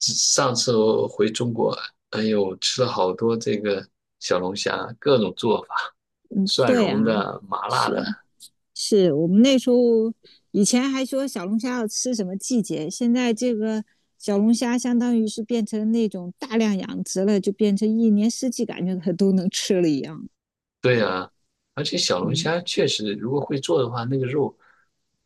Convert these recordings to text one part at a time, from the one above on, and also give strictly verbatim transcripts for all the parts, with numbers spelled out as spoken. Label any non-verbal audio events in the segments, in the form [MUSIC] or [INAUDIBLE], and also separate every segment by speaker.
Speaker 1: 上次我回中国，哎呦，吃了好多这个小龙虾，各种做法，蒜
Speaker 2: 对啊，
Speaker 1: 蓉的、麻辣的，
Speaker 2: 是是，我们那时候以前还说小龙虾要吃什么季节，现在这个小龙虾相当于是变成那种大量养殖了，就变成一年四季感觉它都能吃了一样。
Speaker 1: 对啊，而且小龙
Speaker 2: 嗯，
Speaker 1: 虾确实，如果会做的话，那个肉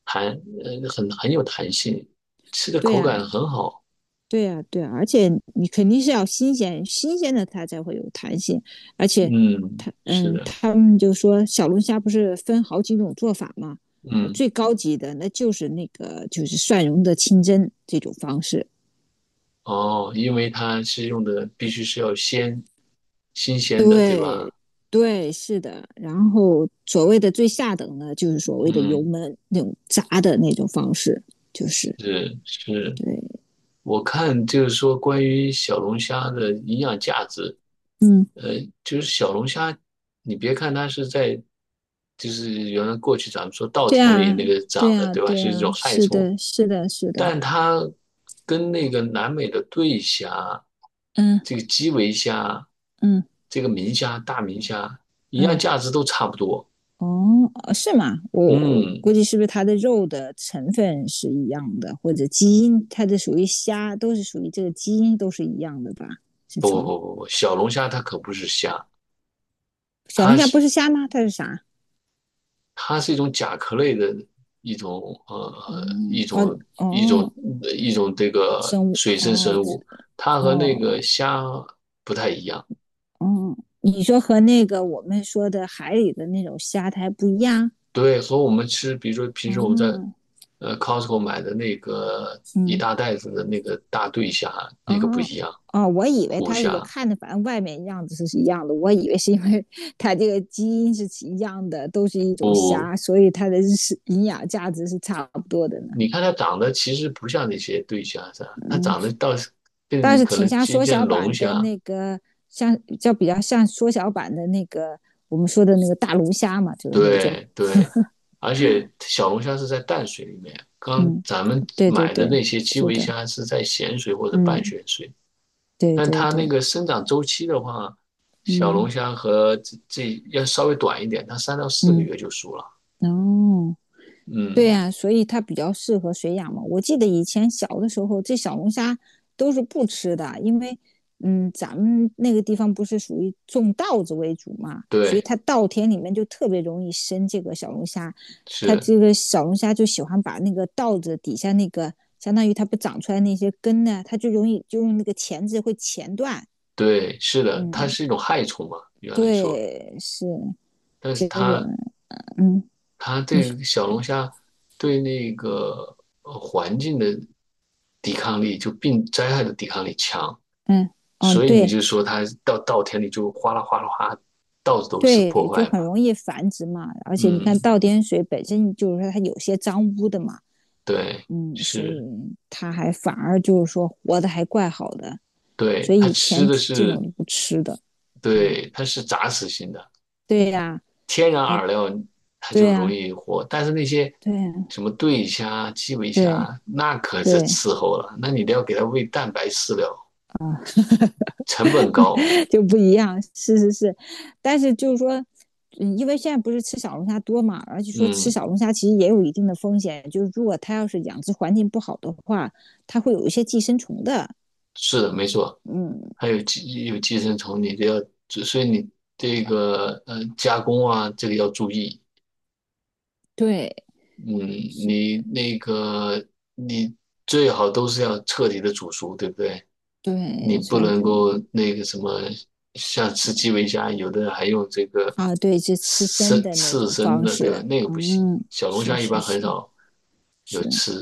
Speaker 1: 弹，呃，很很有弹性，吃的
Speaker 2: 对
Speaker 1: 口
Speaker 2: 呀，
Speaker 1: 感很好。
Speaker 2: 对呀，对啊，而且你肯定是要新鲜，新鲜的它才会有弹性，而且
Speaker 1: 嗯，
Speaker 2: 它
Speaker 1: 是
Speaker 2: 嗯，
Speaker 1: 的，
Speaker 2: 他们就说小龙虾不是分好几种做法吗？
Speaker 1: 嗯，
Speaker 2: 最高级的那就是那个就是蒜蓉的清蒸这种方式，
Speaker 1: 哦，因为它是用的必须是要鲜，新鲜的，对
Speaker 2: 对
Speaker 1: 吧？
Speaker 2: 对，是的。然后所谓的最下等的，就是所谓的油
Speaker 1: 嗯，
Speaker 2: 焖那种炸的那种方式，就是
Speaker 1: 是是。
Speaker 2: 对，
Speaker 1: 我看就是说关于小龙虾的营养价值，
Speaker 2: 嗯，
Speaker 1: 呃，就是小龙虾，你别看它是在，就是原来过去咱们说稻
Speaker 2: 对
Speaker 1: 田里
Speaker 2: 啊，
Speaker 1: 那个
Speaker 2: 对
Speaker 1: 长的，
Speaker 2: 啊，
Speaker 1: 对吧？
Speaker 2: 对
Speaker 1: 是一
Speaker 2: 啊，
Speaker 1: 种害
Speaker 2: 是
Speaker 1: 虫，
Speaker 2: 的，是的，是的，
Speaker 1: 但它跟那个南美的对虾、
Speaker 2: 嗯
Speaker 1: 这个基围虾、
Speaker 2: 嗯
Speaker 1: 这个明虾、大明虾营养
Speaker 2: 嗯，
Speaker 1: 价值都差不多。
Speaker 2: 哦，呃是吗？我我
Speaker 1: 嗯，
Speaker 2: 估计是不是它的肉的成分是一样的，或者基因，它的属于虾，都是属于这个基因都是一样的吧？是
Speaker 1: 不
Speaker 2: 从。
Speaker 1: 不不不，小龙虾它可不是虾，
Speaker 2: 小
Speaker 1: 它
Speaker 2: 龙虾不
Speaker 1: 是
Speaker 2: 是虾吗？它是啥？
Speaker 1: 它是一种甲壳类的一种呃
Speaker 2: 哦
Speaker 1: 一种
Speaker 2: 哦
Speaker 1: 一种
Speaker 2: 哦，
Speaker 1: 一种这个
Speaker 2: 生物
Speaker 1: 水生
Speaker 2: 哦，
Speaker 1: 生物，它和那个
Speaker 2: 哦，
Speaker 1: 虾不太一样。
Speaker 2: 哦，你说和那个我们说的海里的那种虾它还不一样？
Speaker 1: 对，和我们吃，比如说平时我们在
Speaker 2: 哦，
Speaker 1: 呃 Costco 买的那个一
Speaker 2: 嗯，
Speaker 1: 大袋子的那个大对虾，那个不
Speaker 2: 哦，
Speaker 1: 一样，
Speaker 2: 哦，我以为
Speaker 1: 虎
Speaker 2: 它也
Speaker 1: 虾。
Speaker 2: 看着，反正外面样子是一样的，我以为是因为 [LAUGHS] 它这个基因是一样的，都是一种虾，所以它的是营养价值是差不多的呢。
Speaker 1: 你看它长得其实不像那些对虾啥，它
Speaker 2: 嗯，
Speaker 1: 长得倒是
Speaker 2: 但
Speaker 1: 更
Speaker 2: 是
Speaker 1: 可
Speaker 2: 挺
Speaker 1: 能
Speaker 2: 像
Speaker 1: 接
Speaker 2: 缩
Speaker 1: 近
Speaker 2: 小
Speaker 1: 龙
Speaker 2: 版的
Speaker 1: 虾，
Speaker 2: 那个，像叫比较像缩小版的那个我们说的那个大龙虾嘛，就是那种。
Speaker 1: 对对，而且小龙虾是在淡水里面，刚
Speaker 2: 嗯，
Speaker 1: 咱们
Speaker 2: 对对
Speaker 1: 买的
Speaker 2: 对，
Speaker 1: 那些基
Speaker 2: 是
Speaker 1: 围
Speaker 2: 的。
Speaker 1: 虾是在咸水或者半
Speaker 2: 嗯，
Speaker 1: 咸水，
Speaker 2: 对
Speaker 1: 但
Speaker 2: 对
Speaker 1: 它那
Speaker 2: 对，
Speaker 1: 个生长周期的话，小龙
Speaker 2: 嗯
Speaker 1: 虾和这这要稍微短一点，它三到四个
Speaker 2: 嗯，
Speaker 1: 月就熟了。
Speaker 2: 哦，对
Speaker 1: 嗯，
Speaker 2: 呀、所以它比较适合水养嘛。我记得以前小的时候，这小龙虾都是不吃的，因为嗯，咱们那个地方不是属于种稻子为主嘛，所以
Speaker 1: 对，
Speaker 2: 它稻田里面就特别容易生这个小龙虾。它
Speaker 1: 是，
Speaker 2: 这个小龙虾就喜欢把那个稻子底下那个，相当于它不长出来那些根呢，它就容易就用那个钳子会钳断。
Speaker 1: 对，是的，它
Speaker 2: 嗯，
Speaker 1: 是一种害虫嘛，原来说，
Speaker 2: 对，是
Speaker 1: 但是
Speaker 2: 结果，
Speaker 1: 它
Speaker 2: 嗯，
Speaker 1: 它这个小龙虾对那个呃环境的抵抗力，就病灾害的抵抗力强，
Speaker 2: 嗯嗯，
Speaker 1: 所以你
Speaker 2: 对
Speaker 1: 就说它到稻田里就哗啦哗啦哗，到处都是
Speaker 2: 对，
Speaker 1: 破
Speaker 2: 就
Speaker 1: 坏
Speaker 2: 很
Speaker 1: 嘛。
Speaker 2: 容易繁殖嘛。而且你看
Speaker 1: 嗯，
Speaker 2: 倒点水本身就是说它有些脏污的嘛，
Speaker 1: 对，
Speaker 2: 嗯，所以
Speaker 1: 是，
Speaker 2: 它还反而就是说活的还怪好的。所
Speaker 1: 对，
Speaker 2: 以
Speaker 1: 它
Speaker 2: 以
Speaker 1: 吃
Speaker 2: 前
Speaker 1: 的
Speaker 2: 这种
Speaker 1: 是，
Speaker 2: 都不吃的，嗯，
Speaker 1: 对，它是杂食性的，
Speaker 2: 对呀、
Speaker 1: 天然
Speaker 2: 哎，
Speaker 1: 饵料它
Speaker 2: 对
Speaker 1: 就容
Speaker 2: 呀、
Speaker 1: 易活，但是那些
Speaker 2: 对呀、
Speaker 1: 什么对虾、基围
Speaker 2: 对
Speaker 1: 虾，那可是
Speaker 2: 对
Speaker 1: 伺候了，那你得要给它喂蛋白饲料，
Speaker 2: 啊、
Speaker 1: 成本高。
Speaker 2: [LAUGHS] 就不一样，是是是。但是就是说，嗯，因为现在不是吃小龙虾多嘛，而且说吃
Speaker 1: 嗯，
Speaker 2: 小龙虾其实也有一定的风险，就是如果它要是养殖环境不好的话，它会有一些寄生虫的，
Speaker 1: 是的，没错，
Speaker 2: 嗯，
Speaker 1: 还有寄有寄生虫，你得要，所以你这个呃加工啊，这个要注意。
Speaker 2: 对，
Speaker 1: 嗯，
Speaker 2: 是，
Speaker 1: 你那个你最好都是要彻底的煮熟，对不对？你
Speaker 2: 对，
Speaker 1: 不
Speaker 2: 反
Speaker 1: 能
Speaker 2: 正
Speaker 1: 够那个什么，像吃基围虾，有的人还用这个
Speaker 2: 啊，对，就吃生
Speaker 1: 生
Speaker 2: 的那
Speaker 1: 刺
Speaker 2: 种
Speaker 1: 身
Speaker 2: 方
Speaker 1: 的，对吧？
Speaker 2: 式，
Speaker 1: 那个不行。
Speaker 2: 嗯，
Speaker 1: 小龙
Speaker 2: 是
Speaker 1: 虾一
Speaker 2: 是
Speaker 1: 般很
Speaker 2: 是
Speaker 1: 少有
Speaker 2: 是
Speaker 1: 吃，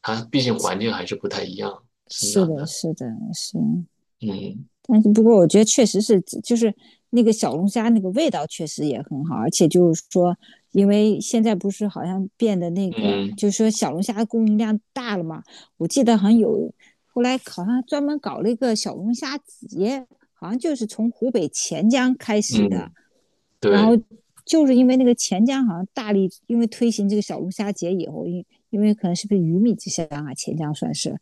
Speaker 1: 它毕竟环境还是不太一样生
Speaker 2: 是
Speaker 1: 长
Speaker 2: 的，
Speaker 1: 的。
Speaker 2: 是的，是。
Speaker 1: 嗯
Speaker 2: 但是不过，我觉得确实是，就是那个小龙虾那个味道确实也很好，而且就是说，因为现在不是好像变得那个，
Speaker 1: 嗯
Speaker 2: 就是说小龙虾的供应量大了嘛，我记得好像有后来好像专门搞了一个小龙虾节，好像就是从湖北潜江开始的。
Speaker 1: 嗯，
Speaker 2: 然后
Speaker 1: 对
Speaker 2: 就是因为那个钱江好像大力，因为推行这个小龙虾节以后，因因为可能是不是鱼米之乡啊，钱江算是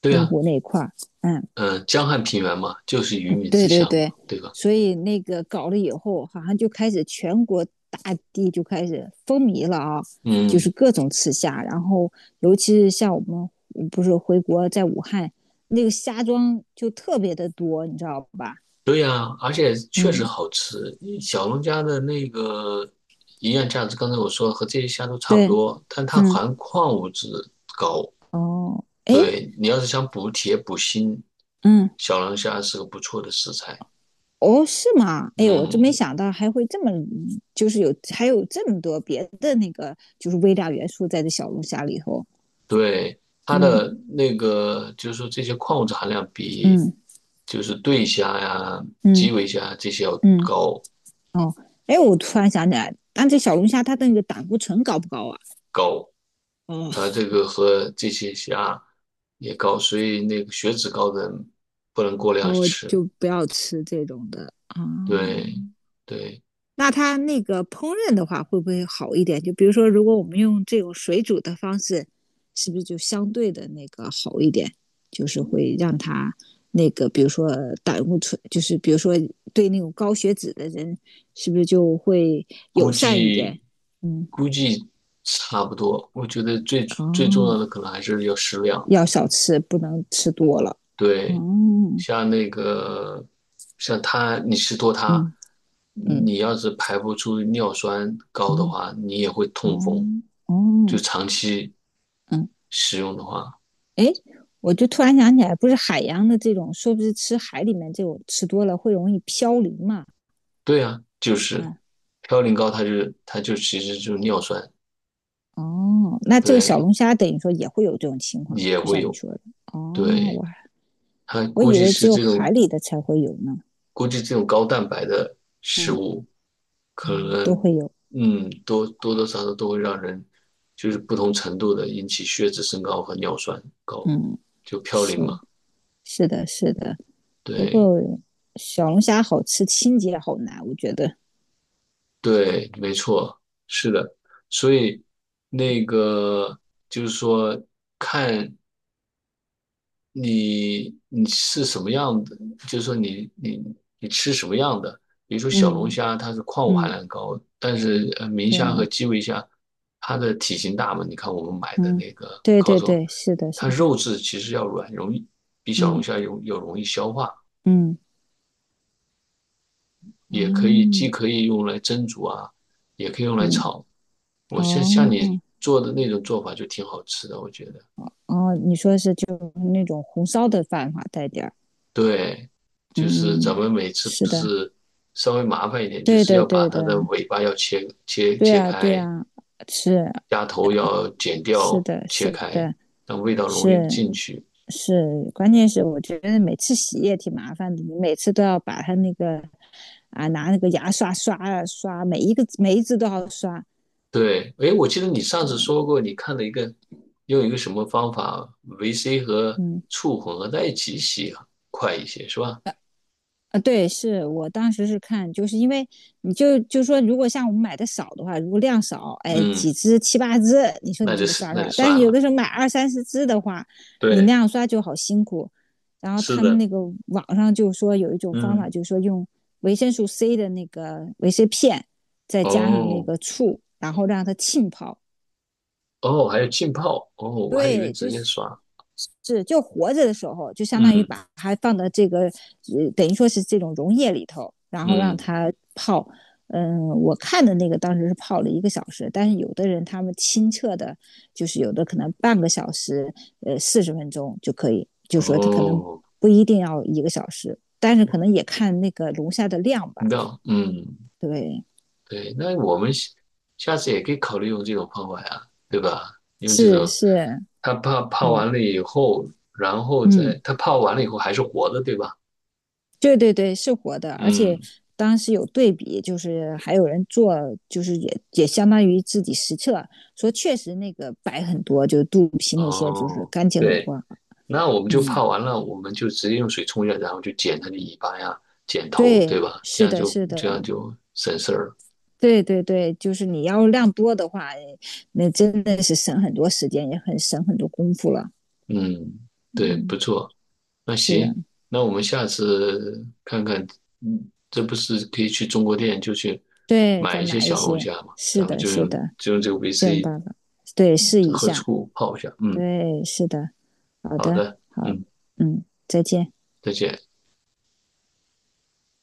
Speaker 1: 对
Speaker 2: 洪
Speaker 1: 啊，
Speaker 2: 湖那一块儿，嗯，
Speaker 1: 嗯，江汉平原嘛，就是鱼米之
Speaker 2: 对对
Speaker 1: 乡嘛，
Speaker 2: 对，
Speaker 1: 对吧？
Speaker 2: 所以那个搞了以后，好像就开始全国大地就开始风靡了啊，就是
Speaker 1: 嗯。
Speaker 2: 各种吃虾，然后尤其是像我们不是回国在武汉那个虾庄就特别的多，你知道吧？
Speaker 1: 对呀，而且确
Speaker 2: 嗯，
Speaker 1: 实好吃。小龙虾的那个营养价值，刚才我说了和这些虾都差不
Speaker 2: 对，
Speaker 1: 多，但它
Speaker 2: 嗯，
Speaker 1: 含矿物质。
Speaker 2: 哦，哎，
Speaker 1: 对，你要是想补铁补锌，
Speaker 2: 嗯。
Speaker 1: 小龙虾是个不错的食材。
Speaker 2: 哦，是吗？哎，我真没
Speaker 1: 嗯，
Speaker 2: 想到还会这么，就是有还有这么多别的那个，就是微量元素在这小龙虾里头。
Speaker 1: 对，它
Speaker 2: 嗯
Speaker 1: 的那个就是说这些矿物质含量比
Speaker 2: 嗯
Speaker 1: 就是对虾呀、
Speaker 2: 嗯
Speaker 1: 基围虾这些要
Speaker 2: 嗯，
Speaker 1: 高
Speaker 2: 哦，哎，我突然想起来，但这小龙虾它的那个胆固醇高不高啊？
Speaker 1: 高，
Speaker 2: 哦
Speaker 1: 它这个和这些虾也高，所以那个血脂高的人不能过量
Speaker 2: 哦，
Speaker 1: 吃。
Speaker 2: 就不要吃这种的啊。
Speaker 1: 对对，
Speaker 2: 那它那个烹饪的话，会不会好一点？就比如说，如果我们用这种水煮的方式，是不是就相对的那个好一点？就是会让它那个，比如说胆固醇，就是比如说对那种高血脂的人，是不是就会
Speaker 1: 估
Speaker 2: 友善一
Speaker 1: 计
Speaker 2: 点？嗯，
Speaker 1: 估计差不多。我觉得最最重要
Speaker 2: 哦，
Speaker 1: 的可能还是要适量。
Speaker 2: 要少吃，不能吃多了。
Speaker 1: 对，
Speaker 2: 哦，
Speaker 1: 像那个像它，你吃多它，
Speaker 2: 嗯嗯
Speaker 1: 你要是排不出尿酸高的
Speaker 2: 嗯，
Speaker 1: 话，你也会
Speaker 2: 哦
Speaker 1: 痛风。
Speaker 2: 哦
Speaker 1: 就
Speaker 2: 哦，
Speaker 1: 长期
Speaker 2: 嗯。
Speaker 1: 使用的话，
Speaker 2: 哎，我就突然想起来，不是海洋的这种，说不是吃海里面这种吃多了会容易飘离嘛？
Speaker 1: 对啊，就是
Speaker 2: 嗯，
Speaker 1: 嘌呤高，它就它就其实就是尿酸，
Speaker 2: 哦，那这个小
Speaker 1: 对，
Speaker 2: 龙虾等于说也会有这种情况，
Speaker 1: 也
Speaker 2: 就
Speaker 1: 会
Speaker 2: 像你
Speaker 1: 有，
Speaker 2: 说的。哦，
Speaker 1: 对，
Speaker 2: 我
Speaker 1: 它
Speaker 2: 我
Speaker 1: 估
Speaker 2: 以
Speaker 1: 计
Speaker 2: 为只
Speaker 1: 是
Speaker 2: 有
Speaker 1: 这
Speaker 2: 海
Speaker 1: 种
Speaker 2: 里的才会有呢。
Speaker 1: 估计这种高蛋白的食
Speaker 2: 嗯，
Speaker 1: 物，可
Speaker 2: 都
Speaker 1: 能
Speaker 2: 会有。
Speaker 1: 嗯多多多少少都会让人就是不同程度的引起血脂升高和尿酸高，
Speaker 2: 嗯，
Speaker 1: 就嘌呤
Speaker 2: 是
Speaker 1: 嘛。
Speaker 2: 是的，是的。不
Speaker 1: 对
Speaker 2: 过小龙虾好吃，清洁好难，我觉得。
Speaker 1: 对，没错，是的。所以那个就是说，你你是什么样的？就是说你你你吃什么样的？比如说小龙
Speaker 2: 嗯
Speaker 1: 虾，它是矿物含
Speaker 2: 嗯，
Speaker 1: 量高，但是呃明
Speaker 2: 对，
Speaker 1: 虾和基围虾，它的体型大嘛？你看我们买的
Speaker 2: 嗯，
Speaker 1: 那个
Speaker 2: 对
Speaker 1: 烤
Speaker 2: 对
Speaker 1: 肉，
Speaker 2: 对，是的，是
Speaker 1: 它
Speaker 2: 的。
Speaker 1: 肉质其实要软，容易比小龙
Speaker 2: 嗯
Speaker 1: 虾容要容易消化，
Speaker 2: 嗯，
Speaker 1: 也可以
Speaker 2: 哦，
Speaker 1: 既可以用来蒸煮啊，也可以用来
Speaker 2: 嗯
Speaker 1: 炒。我像像你
Speaker 2: 哦。
Speaker 1: 做的那种做法就挺好吃的，我觉得。
Speaker 2: 哦，你说是就那种红烧的饭哈，带点儿。
Speaker 1: 对，就是
Speaker 2: 嗯，
Speaker 1: 咱们每次
Speaker 2: 是
Speaker 1: 不
Speaker 2: 的，
Speaker 1: 是稍微麻烦一点，就
Speaker 2: 对
Speaker 1: 是
Speaker 2: 的，
Speaker 1: 要把
Speaker 2: 对
Speaker 1: 它的
Speaker 2: 的，
Speaker 1: 尾巴要切切
Speaker 2: 对
Speaker 1: 切
Speaker 2: 啊，对
Speaker 1: 开，
Speaker 2: 啊，是
Speaker 1: 鸭头要剪
Speaker 2: 是
Speaker 1: 掉
Speaker 2: 的，
Speaker 1: 切
Speaker 2: 是
Speaker 1: 开，
Speaker 2: 的，
Speaker 1: 让味道容易
Speaker 2: 是
Speaker 1: 进去。
Speaker 2: 是，关键是我觉得每次洗也挺麻烦的，你每次都要把它那个啊拿那个牙刷刷啊刷，每一个每一只都要刷。
Speaker 1: 对，诶，我记得你上
Speaker 2: 对，
Speaker 1: 次说过，你看了一个用一个什么方法，维 C 和
Speaker 2: 嗯，
Speaker 1: 醋混合在一起洗快一些，是吧？
Speaker 2: 啊，对，是我当时是看，就是因为你就就说，如果像我们买的少的话，如果量少，哎，
Speaker 1: 嗯，
Speaker 2: 几只七八只，你说
Speaker 1: 那
Speaker 2: 你这
Speaker 1: 就
Speaker 2: 么
Speaker 1: 是
Speaker 2: 刷
Speaker 1: 那就
Speaker 2: 刷，但是
Speaker 1: 算
Speaker 2: 有
Speaker 1: 了。
Speaker 2: 的时候买二三十只的话，你那
Speaker 1: 对，
Speaker 2: 样刷就好辛苦。然后
Speaker 1: 是
Speaker 2: 他们
Speaker 1: 的，
Speaker 2: 那个网上就说有一种方法，
Speaker 1: 嗯，
Speaker 2: 就是说用维生素 C 的那个维 C 片，再加上那
Speaker 1: 哦
Speaker 2: 个醋，然后让它浸泡。
Speaker 1: 哦，还有浸泡，哦，我还以为
Speaker 2: 对，
Speaker 1: 直
Speaker 2: 就
Speaker 1: 接
Speaker 2: 是
Speaker 1: 刷，
Speaker 2: 是，就活着的时候，就相当于
Speaker 1: 嗯
Speaker 2: 把它放到这个，呃，等于说是这种溶液里头，然后让
Speaker 1: 嗯。
Speaker 2: 它泡。嗯，我看的那个当时是泡了一个小时，但是有的人他们清澈的，就是有的可能半个小时，呃，四十分钟就可以，就说他可能
Speaker 1: 哦，
Speaker 2: 不一定要一个小时，但是可能也看那个龙虾的量吧。
Speaker 1: 那嗯，
Speaker 2: 对，
Speaker 1: 对，那我们下下次也可以考虑用这种方法呀，对吧？用这
Speaker 2: 是
Speaker 1: 种，
Speaker 2: 是，
Speaker 1: 他泡泡
Speaker 2: 嗯
Speaker 1: 完了以后，然后再
Speaker 2: 嗯。
Speaker 1: 他泡完了以后还是活的，对吧？
Speaker 2: 对对对，是活的，而且
Speaker 1: 嗯，
Speaker 2: 当时有对比，就是还有人做，就是也也相当于自己实测，说确实那个白很多，就是肚皮那些就是
Speaker 1: 哦，
Speaker 2: 干净很多
Speaker 1: 对，
Speaker 2: 啊。
Speaker 1: 那我们就
Speaker 2: 嗯，
Speaker 1: 泡完了，我们就直接用水冲一下，然后就剪它的尾巴呀，剪头，对
Speaker 2: 对，
Speaker 1: 吧？这
Speaker 2: 是
Speaker 1: 样
Speaker 2: 的，
Speaker 1: 就
Speaker 2: 是
Speaker 1: 这
Speaker 2: 的，
Speaker 1: 样就省事儿了。
Speaker 2: 对对对，就是你要量多的话，那真的是省很多时间，也很省很多功夫了。
Speaker 1: 嗯，对，不
Speaker 2: 嗯，
Speaker 1: 错。那
Speaker 2: 是的，
Speaker 1: 行，那我们下次看看，嗯，这不是可以去中国店就去
Speaker 2: 对，
Speaker 1: 买
Speaker 2: 再
Speaker 1: 一些
Speaker 2: 买一
Speaker 1: 小龙
Speaker 2: 些，
Speaker 1: 虾嘛？
Speaker 2: 是
Speaker 1: 咱们
Speaker 2: 的，
Speaker 1: 就
Speaker 2: 是
Speaker 1: 用
Speaker 2: 的，
Speaker 1: 就用这个
Speaker 2: 这种
Speaker 1: V C
Speaker 2: 办法，对，试一
Speaker 1: 和
Speaker 2: 下，
Speaker 1: 醋泡一下。嗯，
Speaker 2: 对，是的，好
Speaker 1: 好
Speaker 2: 的，
Speaker 1: 的，
Speaker 2: 好，
Speaker 1: 嗯，
Speaker 2: 嗯，再见。
Speaker 1: 再见。